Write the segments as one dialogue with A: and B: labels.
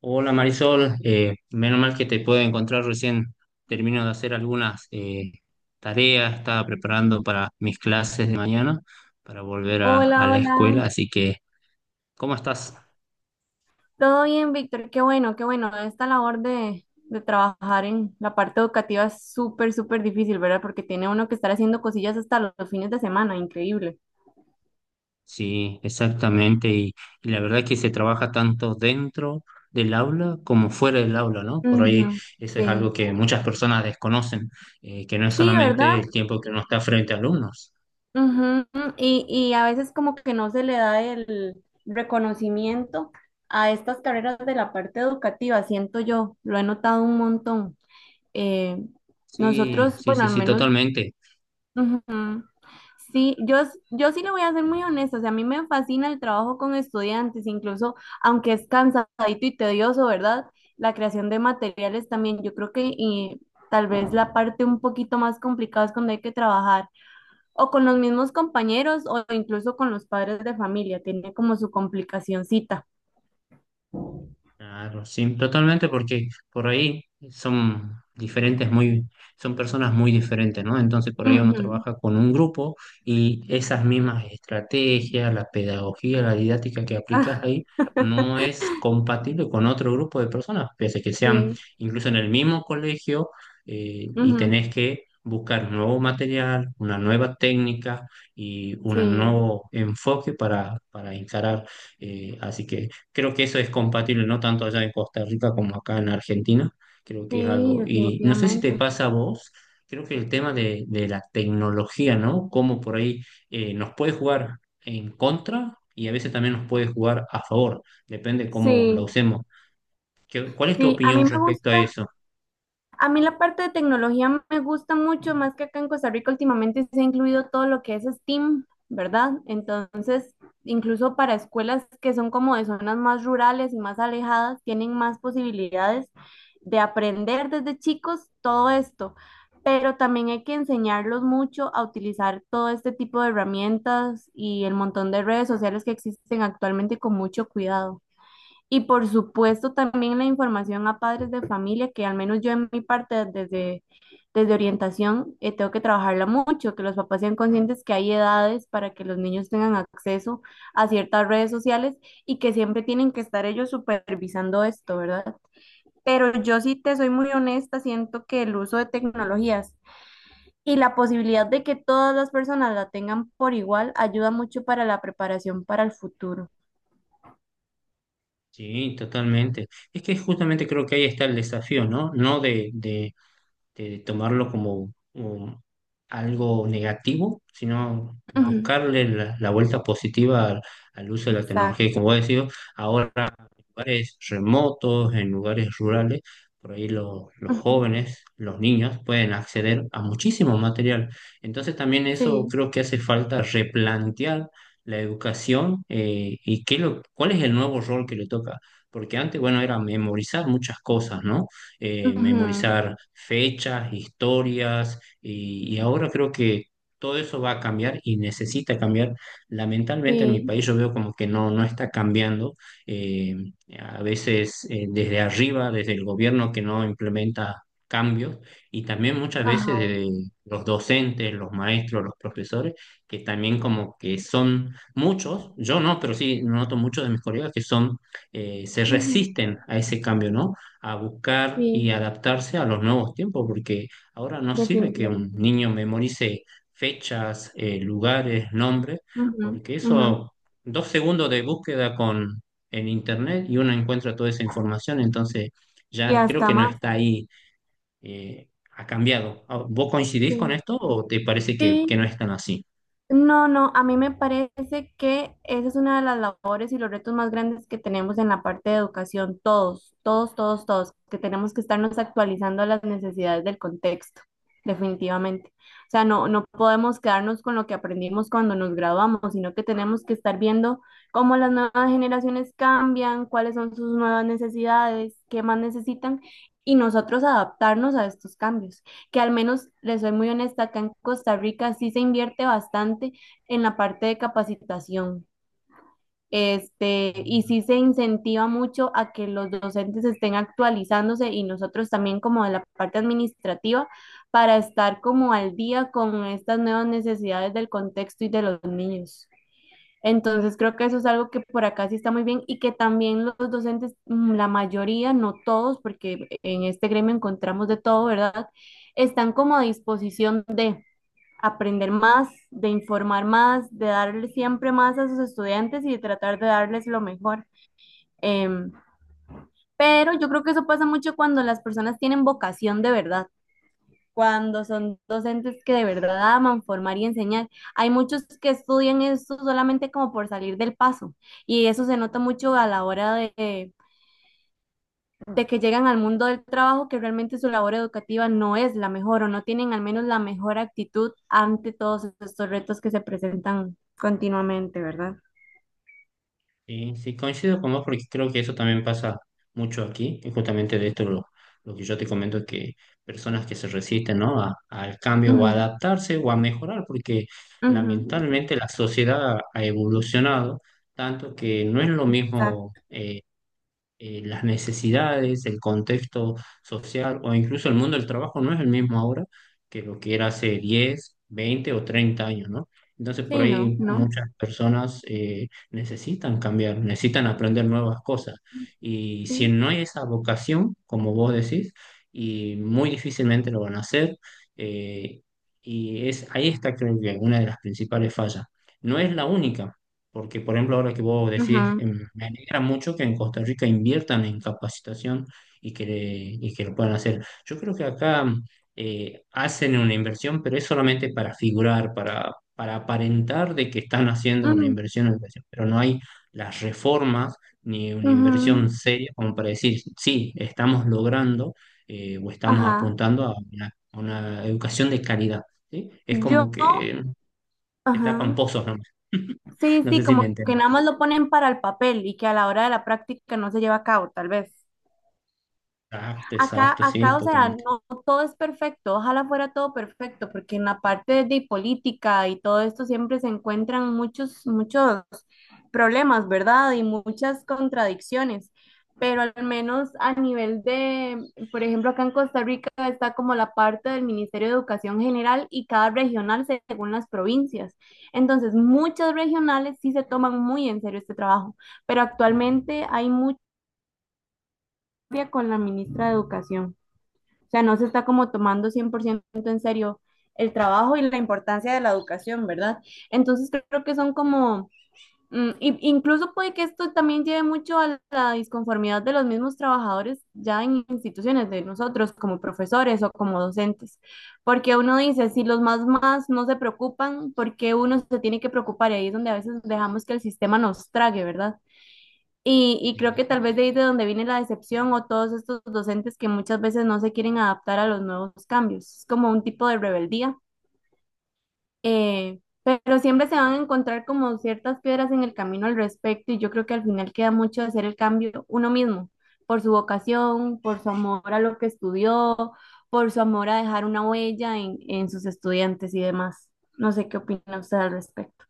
A: Hola Marisol, menos mal que te puedo encontrar recién. Termino de hacer algunas tareas, estaba preparando para mis clases de mañana, para volver a,
B: Hola,
A: a la
B: hola.
A: escuela, así que, ¿cómo estás?
B: ¿Todo bien, Víctor? Qué bueno, qué bueno. Esta labor de trabajar en la parte educativa es súper, súper difícil, ¿verdad? Porque tiene uno que estar haciendo cosillas hasta los fines de semana, increíble.
A: Sí, exactamente, y la verdad es que se trabaja tanto dentro del aula como fuera del aula, ¿no? Por ahí
B: Ujú,
A: eso es
B: sí.
A: algo que muchas personas desconocen, que no es
B: Sí,
A: solamente
B: ¿verdad?
A: el tiempo que uno está frente a alumnos.
B: Ujú, y a veces como que no se le da el reconocimiento a estas carreras de la parte educativa, siento yo, lo he notado un montón. Eh,
A: Sí,
B: nosotros,
A: sí,
B: bueno,
A: sí,
B: al
A: sí,
B: menos
A: totalmente.
B: ujú. Sí, yo sí le voy a ser muy honesta, o sea, a mí me fascina el trabajo con estudiantes, incluso aunque es cansadito y tedioso, ¿verdad? La creación de materiales también, yo creo que y tal vez la parte un poquito más complicada es cuando hay que trabajar o con los mismos compañeros o incluso con los padres de familia, tiene como su complicacioncita.
A: Claro, sí, totalmente, porque por ahí son diferentes, son personas muy diferentes, ¿no? Entonces por ahí uno
B: Ujú.
A: trabaja con un grupo y esas mismas estrategias, la pedagogía, la didáctica que aplicas
B: Ah,
A: ahí, no es compatible con otro grupo de personas, pese a que sean
B: sí,
A: incluso en el mismo colegio y
B: ujú,
A: tenés que buscar nuevo material, una nueva técnica y un
B: sí,
A: nuevo enfoque para encarar. Así que Creo que eso es compatible no tanto allá en Costa Rica como acá en Argentina. Creo que es
B: sí,
A: algo. Y no sé si te
B: definitivamente.
A: pasa a vos, creo que el tema de la tecnología, ¿no? Cómo por ahí nos puede jugar en contra y a veces también nos puede jugar a favor. Depende cómo la
B: Sí,
A: usemos. ¿Cuál es tu
B: sí, a mí
A: opinión
B: me
A: respecto a
B: gusta.
A: eso?
B: A mí la parte de tecnología me gusta mucho, más que acá en Costa Rica últimamente se ha incluido todo lo que es STEAM, ¿verdad? Entonces, incluso para escuelas que son como de zonas más rurales y más alejadas, tienen más posibilidades de aprender desde chicos todo esto. Pero también hay que enseñarlos mucho a utilizar todo este tipo de herramientas y el montón de redes sociales que existen actualmente con mucho cuidado. Y por supuesto también la información a padres de familia, que al menos yo en mi parte desde, desde orientación, tengo que trabajarla mucho, que los papás sean conscientes que hay edades para que los niños tengan acceso a ciertas redes sociales y que siempre tienen que estar ellos supervisando esto, ¿verdad? Pero yo sí te soy muy honesta, siento que el uso de tecnologías y la posibilidad de que todas las personas la tengan por igual ayuda mucho para la preparación para el futuro.
A: Sí, totalmente. Es que justamente creo que ahí está el desafío, ¿no? No de, de tomarlo como algo negativo, sino
B: Ujú,
A: buscarle la vuelta positiva al, al uso de la tecnología. Y
B: exacto.
A: como vos decís, ahora lugares remotos, en lugares rurales, por ahí los
B: Ujú,
A: jóvenes, los niños pueden acceder a muchísimo material. Entonces también eso
B: sí.
A: creo que hace falta replantear la educación eh, ¿cuál es el nuevo rol que le toca? Porque antes, bueno, era memorizar muchas cosas, ¿no?
B: Ujú,
A: Memorizar fechas, historias, y ahora creo que todo eso va a cambiar y necesita cambiar. Lamentablemente en mi
B: sí,
A: país yo veo como que no está cambiando. Eh, a veces, desde arriba, desde el gobierno que no implementa cambios, y también muchas veces
B: ajá,
A: de los docentes, los maestros, los profesores, que también como que son muchos, yo no, pero sí noto muchos de mis colegas que son, se
B: ujú,
A: resisten a ese cambio, ¿no? A buscar y
B: sí,
A: adaptarse a los nuevos tiempos, porque ahora no sirve que un
B: definitivamente.
A: niño memorice fechas, lugares, nombres,
B: Ujú,
A: porque
B: ujú,
A: eso... Dos segundos de búsqueda en internet y uno encuentra toda esa información, entonces
B: y
A: ya creo
B: hasta
A: que no
B: más,
A: está ahí, ha cambiado. Ah, ¿vos coincidís con
B: sí,
A: esto o te parece que
B: sí.
A: no es tan así?
B: No, no, a mí me parece que esa es una de las labores y los retos más grandes que tenemos en la parte de educación, todos, todos, todos, todos, que tenemos que estarnos actualizando a las necesidades del contexto, definitivamente. O sea, no, no podemos quedarnos con lo que aprendimos cuando nos graduamos, sino que tenemos que estar viendo cómo las nuevas generaciones cambian, cuáles son sus nuevas necesidades, qué más necesitan y nosotros adaptarnos a estos cambios que, al menos, les soy muy honesta, acá en Costa Rica sí se invierte bastante en la parte de capacitación. Este, y sí se incentiva mucho a que los docentes estén actualizándose, y nosotros también como de la parte administrativa, para estar como al día con estas nuevas necesidades del contexto y de los niños. Entonces creo que eso es algo que por acá sí está muy bien, y que también los docentes, la mayoría, no todos, porque en este gremio encontramos de todo, ¿verdad? Están como a disposición de aprender más, de informar más, de darle siempre más a sus estudiantes y de tratar de darles lo mejor. Em, pero yo creo que eso pasa mucho cuando las personas tienen vocación de verdad, cuando son docentes que de verdad aman formar y enseñar. Hay muchos que estudian eso solamente como por salir del paso, y eso se nota mucho a la hora de que llegan al mundo del trabajo, que realmente su labor educativa no es la mejor o no tienen al menos la mejor actitud ante todos estos retos que se presentan continuamente, ¿verdad?
A: Sí, sí, coincido con vos porque creo que eso también pasa mucho aquí, y justamente de esto lo que yo te comento, que personas que se resisten, ¿no? Al cambio o a
B: Ujú,
A: adaptarse o a mejorar, porque
B: ujú.
A: lamentablemente la sociedad ha evolucionado tanto que no es lo mismo.
B: Exacto.
A: Las necesidades, el contexto social o incluso el mundo del trabajo no es el mismo ahora que lo que era hace 10, 20 o 30 años, ¿no? Entonces por
B: Sí, no,
A: ahí
B: no,
A: muchas personas necesitan cambiar, necesitan aprender nuevas cosas. Y si
B: sí.
A: no hay esa vocación, como vos decís, y muy difícilmente lo van a hacer, eh, y es, ahí está creo que una de las principales fallas. No es la única, porque, por ejemplo, ahora que vos decís,
B: Ujú,
A: me alegra mucho que en Costa Rica inviertan en capacitación y que, y que lo puedan hacer. Yo creo que acá hacen una inversión, pero es solamente para figurar, para aparentar de que están haciendo una
B: ujú,
A: inversión, una inversión. Pero no hay las reformas ni una inversión
B: ujú,
A: seria como para decir, sí, estamos logrando o estamos
B: ajá.
A: apuntando a una educación de calidad, ¿sí? Es
B: Yo,
A: como que te tapan
B: ajá.
A: pozos nomás.
B: Sí,
A: No
B: sí,
A: sé si me
B: como que
A: entiendes.
B: nada más lo ponen para el papel y que a la hora de la práctica no se lleva a cabo, tal vez.
A: Exacto,
B: Acá,
A: exacto, sí,
B: acá, o sea,
A: totalmente.
B: no todo es perfecto, ojalá fuera todo perfecto, porque en la parte de política y todo esto siempre se encuentran muchos, muchos problemas, ¿verdad? Y muchas contradicciones, pero al menos a nivel de, por ejemplo, acá en Costa Rica está como la parte del Ministerio de Educación General y cada regional según las provincias. Entonces, muchas regionales sí se toman muy en serio este trabajo, pero actualmente hay mucha con la ministra de Educación. O sea, no se está como tomando 100% en serio el trabajo y la importancia de la educación, ¿verdad? Entonces creo que son como, incluso puede que esto también lleve mucho a la disconformidad de los mismos trabajadores ya en instituciones, de nosotros como profesores o como docentes, porque uno dice, si los más más no se preocupan, ¿por qué uno se tiene que preocupar? Y ahí es donde a veces dejamos que el sistema nos trague, ¿verdad? Y creo
A: Sí,
B: que tal vez de ahí de donde viene la decepción, o todos estos docentes que muchas veces no se quieren adaptar a los nuevos cambios. Es como un tipo de rebeldía, pero siempre se van a encontrar como ciertas piedras en el camino al respecto, y yo creo que al final queda mucho de hacer el cambio uno mismo, por su vocación, por su amor a lo que estudió, por su amor a dejar una huella en sus estudiantes y demás. No sé qué opina usted al respecto.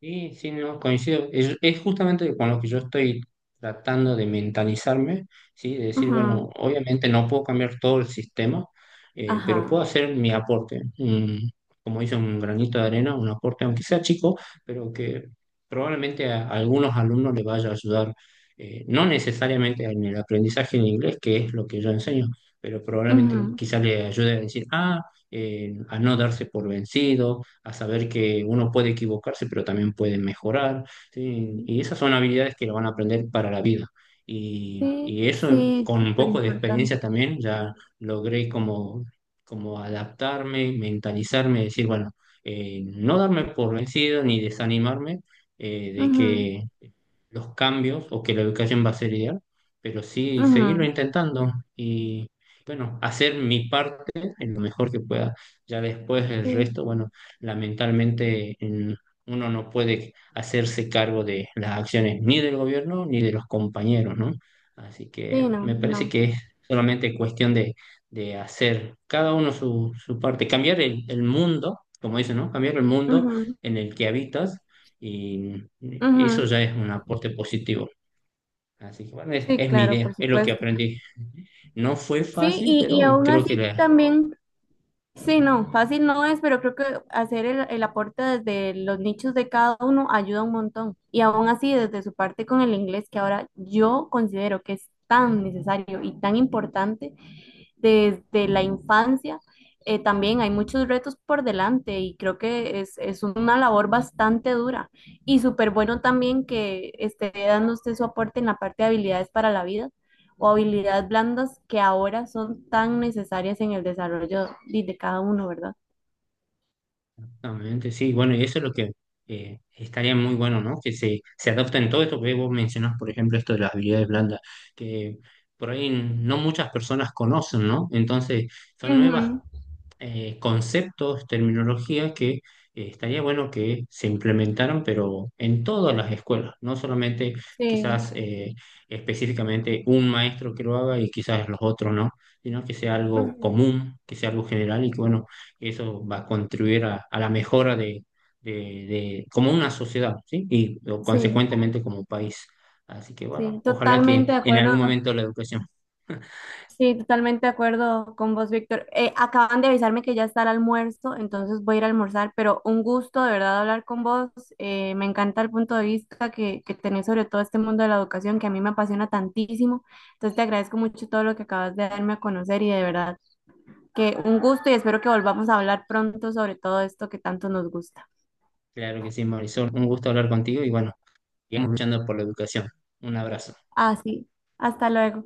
A: sí, no, coincido. Es justamente con lo que yo estoy tratando de mentalizarme, ¿sí? De decir,
B: Ujú,
A: bueno, obviamente no puedo cambiar todo el sistema, pero puedo
B: ajá.
A: hacer mi aporte. Como dice, un granito de arena, un aporte, aunque sea chico, pero que probablemente a algunos alumnos les vaya a ayudar, no necesariamente en el aprendizaje en inglés, que es lo que yo enseño, pero probablemente quizá le ayude a decir, ah, a no darse por vencido, a saber que uno puede equivocarse, pero también puede mejorar, ¿sí?
B: Ujú.
A: Y esas son habilidades que lo van a aprender para la vida.
B: Sí,
A: Y eso
B: sí,
A: con un
B: súper
A: poco de experiencia
B: importante.
A: también, ya logré como, como adaptarme, mentalizarme, decir, bueno, no darme por vencido ni desanimarme de
B: Ujú,
A: que los cambios o que la educación va a ser ideal, pero sí seguirlo
B: ujú,
A: intentando bueno, hacer mi parte en lo mejor que pueda. Ya después el
B: sí,
A: resto, bueno, lamentablemente uno no puede hacerse cargo de las acciones ni del gobierno ni de los compañeros, ¿no? Así
B: sí,
A: que
B: no,
A: me parece
B: no.
A: que es solamente cuestión de hacer cada uno su parte, cambiar el mundo, como dicen, ¿no? Cambiar el mundo
B: Ujú,
A: en el que habitas y eso
B: ujú,
A: ya es un aporte positivo. Así que bueno,
B: sí,
A: es mi
B: claro,
A: idea,
B: por
A: es lo que
B: supuesto.
A: aprendí. No fue
B: Sí,
A: fácil,
B: y
A: pero
B: aún
A: creo que
B: así también, sí, no, fácil no es, pero creo que hacer el aporte desde los nichos de cada uno ayuda un montón. Y aún así, desde su parte con el inglés, que ahora yo considero que es tan necesario y tan importante, desde la infancia, también hay muchos retos por delante, y creo que es una labor bastante dura, y súper bueno también que esté dando usted su aporte en la parte de habilidades para la vida o habilidades blandas que ahora son tan necesarias en el desarrollo de cada uno, ¿verdad?
A: realmente sí. Bueno, y eso es lo que estaría muy bueno, ¿no? Que se adopten todo esto que vos mencionás, por ejemplo, esto de las habilidades blandas, que por ahí no muchas personas conocen, ¿no? Entonces, son nuevas
B: Ujú,
A: conceptos, terminología que estaría bueno que se implementaran, pero en todas las escuelas, no solamente
B: sí,
A: quizás específicamente un maestro que lo haga y quizás los otros no, sino que sea algo
B: ujú,
A: común, que sea algo general y que bueno, eso va a contribuir a la mejora de- de como una sociedad, ¿sí? Y o,
B: sí,
A: consecuentemente como país. Así que
B: sí,
A: bueno, ojalá que
B: totalmente de
A: en
B: acuerdo.
A: algún momento la educación.
B: Sí, totalmente de acuerdo con vos, Víctor. Acaban de avisarme que ya está el almuerzo, entonces voy a ir a almorzar, pero un gusto de verdad hablar con vos. Me encanta el punto de vista que tenés sobre todo este mundo de la educación que a mí me apasiona tantísimo. Entonces te agradezco mucho todo lo que acabas de darme a conocer, y de verdad que un gusto, y espero que volvamos a hablar pronto sobre todo esto que tanto nos gusta.
A: Claro que sí, Marisol, un gusto hablar contigo y bueno. Y escuchando por la educación. Un abrazo.
B: Así, hasta luego.